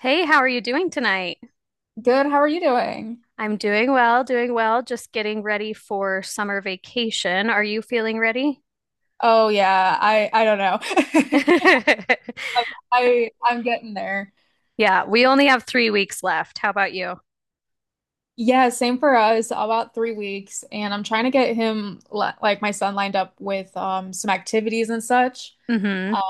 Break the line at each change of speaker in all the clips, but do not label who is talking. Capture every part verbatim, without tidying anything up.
Hey, how are you doing tonight?
Good. How are you doing?
I'm doing well, doing well, just getting ready for summer vacation. Are you feeling ready?
Oh yeah, I I don't know. I I- I'm getting there.
Yeah, we only have three weeks left. How about you?
Yeah, same for us. About three weeks, and I'm trying to get him li- like my son lined up with um some activities and such.
Mm-hmm.
um,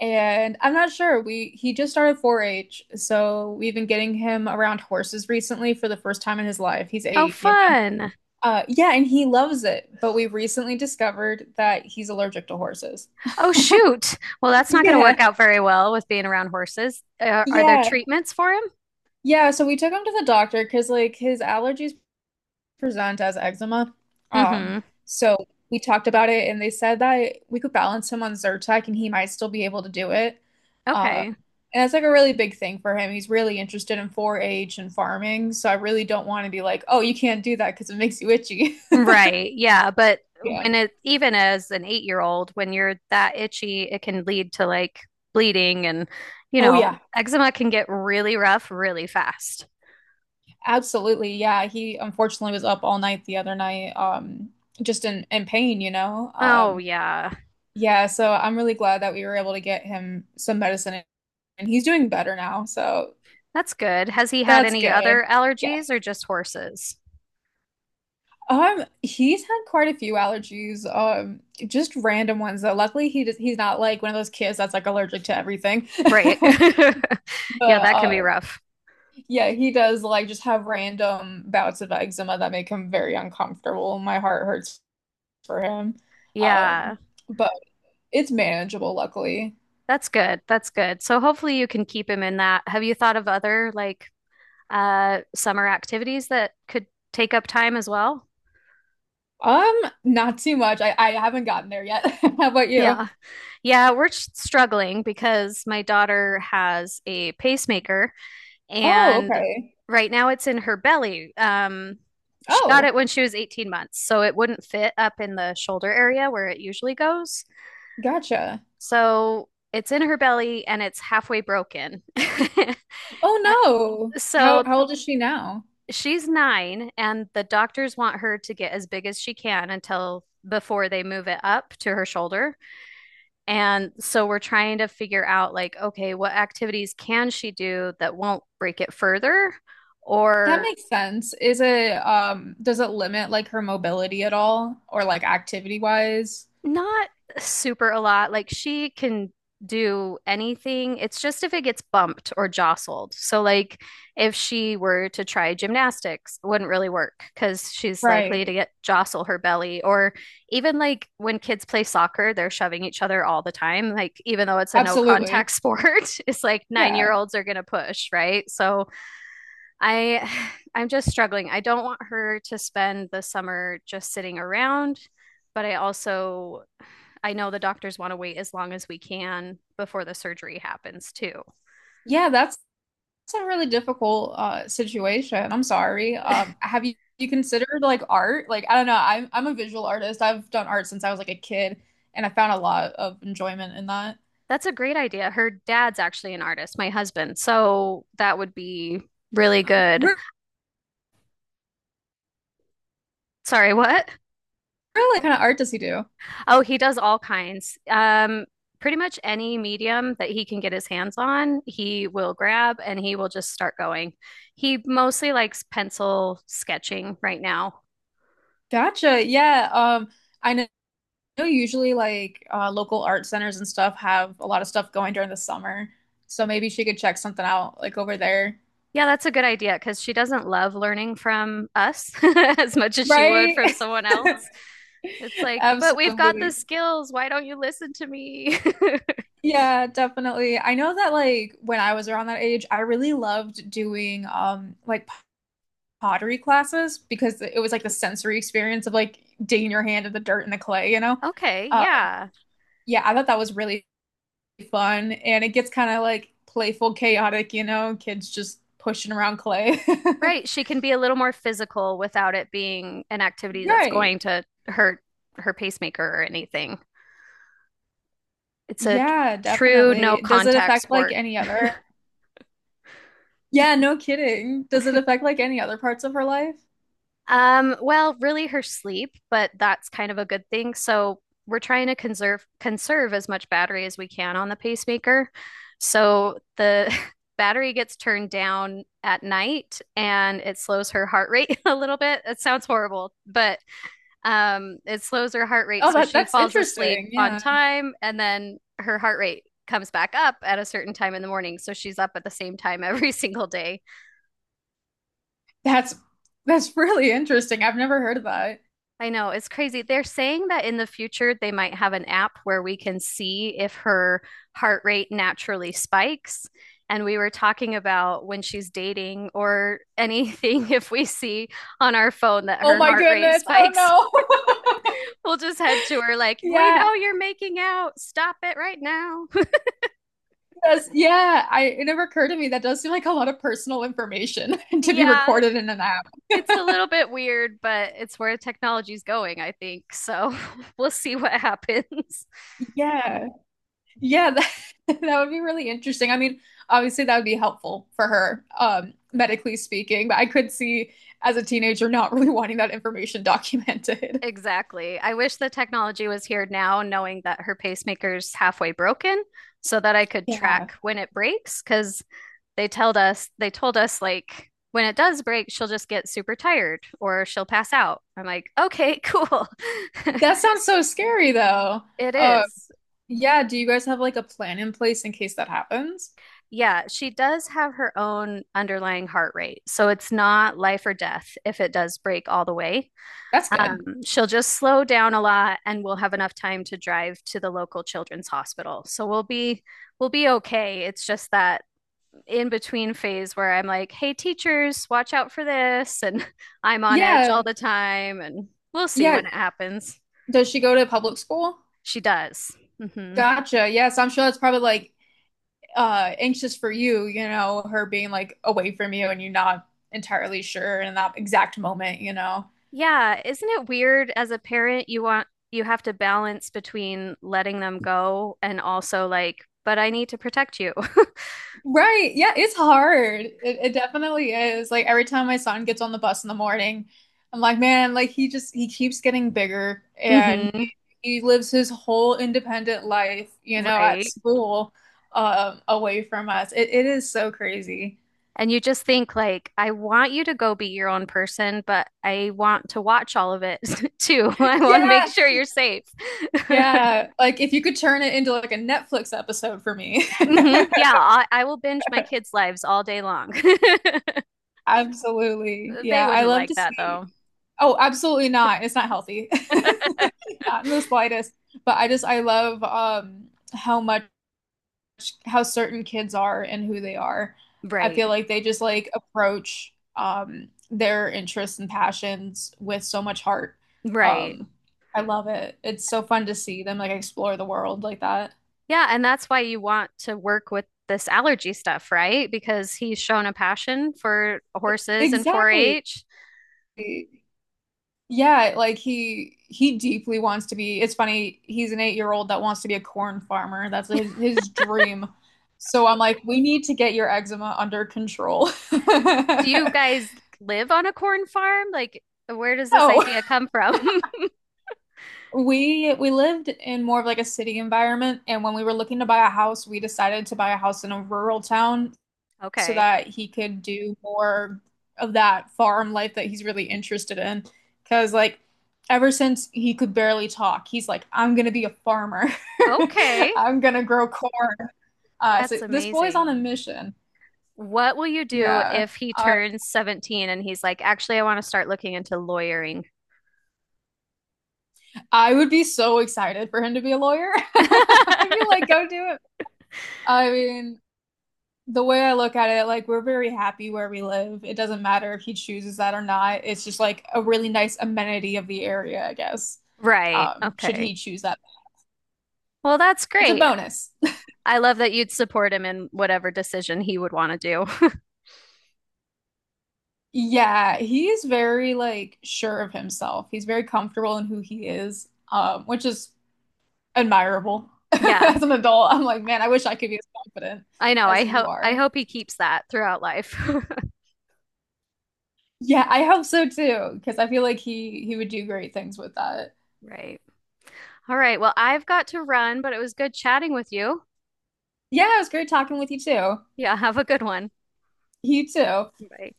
And I'm not sure. We He just started four-H, so we've been getting him around horses recently for the first time in his life. He's
Oh,
eight, you know.
fun.
Uh, yeah, and he loves it. But we recently discovered that he's allergic to horses.
Oh, shoot. Well, that's not going to
Yeah,
work out very well with being around horses. Are, are there
yeah.
treatments for him?
Yeah, so we took him to the doctor because like his allergies present as eczema. Um,
Mm-hmm.
so we talked about it and they said that we could balance him on Zyrtec and he might still be able to do it. Uh,
Okay.
and that's like a really big thing for him. He's really interested in four-H and farming, so I really don't want to be like, "Oh, you can't do that because it makes you itchy."
Right. Yeah. But
Yeah.
when it, even as an eight year old, when you're that itchy, it can lead to like bleeding and, you
Oh
know,
yeah,
eczema can get really rough really fast.
absolutely. Yeah, he unfortunately was up all night the other night, um, just in in pain, you know.
Oh,
Um,
yeah.
Yeah, so I'm really glad that we were able to get him some medicine and he's doing better now. So
That's good. Has he had
that's
any
good.
other
Yeah.
allergies or just horses?
Um, he's had quite a few allergies, um, just random ones though. Luckily he does, he's not like one of those kids that's like allergic to everything.
Right.
But
Yeah. That can
uh,
be rough.
yeah, he does like just have random bouts of eczema that make him very uncomfortable. My heart hurts for him. Um,
Yeah.
but it's manageable, luckily.
That's good. That's good. So hopefully you can keep him in that. Have you thought of other like uh summer activities that could take up time as well?
Um, Not too much. I, I haven't gotten there yet. How about you?
Yeah. Yeah, we're struggling because my daughter has a pacemaker,
Oh,
and
okay.
right now it's in her belly. Um, she got
Oh,
it when she was eighteen months, so it wouldn't fit up in the shoulder area where it usually goes.
gotcha.
So it's in her belly and it's halfway broken.
Oh no. How
So
how old is she now?
she's nine, and the doctors want her to get as big as she can until before they move it up to her shoulder. And so we're trying to figure out like, okay, what activities can she do that won't break it further
That
or
makes sense. Is it um does it limit like her mobility at all, or like activity wise?
not super a lot. Like she can do anything. It's just if it gets bumped or jostled. So like if she were to try gymnastics, it wouldn't really work because she's likely to
Right.
get jostle her belly, or even like when kids play soccer, they're shoving each other all the time. Like even though it's a no contact
Absolutely.
sport, it's like
Yeah.
nine-year-olds are going to push, right? So I I'm just struggling. I don't want her to spend the summer just sitting around, but I also I know the doctors want to wait as long as we can before the surgery happens too.
Yeah, that's, that's a really difficult uh situation. I'm sorry. Um have you, you considered like art? Like I don't know. I'm I'm a visual artist. I've done art since I was like a kid and I found a lot of enjoyment in that.
That's a great idea. Her dad's actually an artist, my husband. So that would be really good.
Re-
Sorry, what?
Really? What kind of art does he do?
Oh, he does all kinds. Um pretty much any medium that he can get his hands on, he will grab and he will just start going. He mostly likes pencil sketching right now.
Gotcha. Yeah. Um, I know know usually like uh, local art centers and stuff have a lot of stuff going during the summer. So maybe she could check something out like over there.
Yeah, that's a good idea because she doesn't love learning from us as much as she would
Right.
from someone else. It's like, but we've got the
Absolutely.
skills. Why don't you listen to me?
Yeah, definitely. I know that like when I was around that age, I really loved doing um like pottery classes because it was like the sensory experience of like digging your hand in the dirt and the clay, you know?
Okay,
Uh
yeah.
yeah, I thought that was really fun and it gets kind of like playful, chaotic, you know, kids just pushing around clay.
Right. She can be a little more physical without it being an activity that's
Right.
going to hurt her pacemaker or anything. It's a
Yeah,
true no
definitely. Does it
contact
affect like
sport.
any other? Yeah, no kidding. Does it affect like any other parts of her life?
Um, well, really her sleep, but that's kind of a good thing. So we're trying to conserve conserve as much battery as we can on the pacemaker. So the battery gets turned down at night and it slows her heart rate a little bit. It sounds horrible, but um it slows her heart rate
Oh,
so
that
she
that's
falls asleep
interesting.
on
Yeah.
time and then her heart rate comes back up at a certain time in the morning. So she's up at the same time every single day.
That's that's really interesting. I've never heard of that.
I know, it's crazy. They're saying that in the future they might have an app where we can see if her heart rate naturally spikes. And we were talking about when she's dating or anything, if we see on our phone that
Oh
her
my
heart rate
goodness. Oh
spikes,
no.
we'll just head to her like, we
Yeah.
know you're making out. Stop it right now.
That's, yeah, I it never occurred to me that does seem like a lot of personal information to be
Yeah,
recorded in an app.
it's a little bit weird, but it's where technology's going, I think. So we'll see what happens.
Yeah. Yeah, that, that would be really interesting. I mean, obviously that would be helpful for her, um, medically speaking, but I could see as a teenager not really wanting that information documented.
Exactly. I wish the technology was here now, knowing that her pacemaker's halfway broken, so that I could
Yeah.
track when it breaks. Because they told us, they told us like when it does break, she'll just get super tired or she'll pass out. I'm like, okay, cool.
That sounds so scary though.
It
Uh,
is.
yeah, do you guys have like a plan in place in case that happens?
Yeah, she does have her own underlying heart rate, so it's not life or death if it does break all the way.
That's good.
Um, she'll just slow down a lot and we'll have enough time to drive to the local children's hospital. So we'll be we'll be okay. It's just that in between phase where I'm like, "Hey teachers, watch out for this," and I'm on edge
Yeah.
all the time and we'll see
Yeah.
when it happens.
Does she go to public school?
She does. Hmm.
Gotcha. Yes, I'm sure that's probably like uh anxious for you, you know, her being like away from you and you not entirely sure in that exact moment, you know.
Yeah, isn't it weird as a parent you want you have to balance between letting them go and also like, but I need to protect you.
Right. Yeah, it's hard. It, it definitely is. Like every time my son gets on the bus in the morning, I'm like, man, like he just he keeps getting bigger and
Hmm.
he, he lives his whole independent life, you know, at
Right.
school, um, away from us. It it is so crazy.
And you just think like, I want you to go be your own person, but I want to watch all of it too. I want to make
Yeah.
sure you're safe.
Yeah. Like if you could turn it into like a Netflix episode for me.
Hmm. Yeah, I, I will binge my kids' lives all day long.
Absolutely.
They
Yeah, I
wouldn't
love to
like that
see.
though.
Oh, absolutely not. It's not healthy. Not in the slightest. But I just I love um how much how certain kids are and who they are. I
Right,
feel like they just like approach um their interests and passions with so much heart.
right.
Um I love it. It's so fun to see them like explore the world like that.
Yeah, and that's why you want to work with this allergy stuff, right? Because he's shown a passion for horses and
Exactly.
four-H.
Yeah, like he he deeply wants to be. It's funny, he's an eight-year-old that wants to be a corn farmer. That's his his dream. So I'm like, we need to get your eczema under control.
Do you guys live on a corn farm? Like, where does this
No,
idea come from?
we we lived in more of like a city environment, and when we were looking to buy a house, we decided to buy a house in a rural town so
Okay.
that he could do more of that farm life that he's really interested in. Because, like, ever since he could barely talk, he's like, I'm gonna be a farmer.
Okay,
I'm gonna grow corn. Uh, so
that's
this boy's on
amazing.
a mission.
What will you do
Yeah.
if he
Uh,
turns seventeen and he's like, actually, I want to start looking into lawyering?
I would be so excited for him to be a lawyer. I'd be like, go do it. I mean, the way I look at it, like we're very happy where we live. It doesn't matter if he chooses that or not. It's just like a really nice amenity of the area, I guess.
Right.
Um, should
Okay.
he choose that?
Well, that's
It's a
great.
bonus.
I love that you'd support him in whatever decision he would want to do.
Yeah, he is very like sure of himself. He's very comfortable in who he is, um, which is admirable.
Yeah,
As an adult, I'm like, man, I wish I could be as confident
I know.
as
I
you
hope I
are.
hope he keeps that throughout life.
Yeah, I hope so too, because I feel like he he would do great things with that.
Right. All right. Well, I've got to run, but it was good chatting with you.
Yeah, it was great talking with you too.
Yeah, have a good one.
You too.
Bye.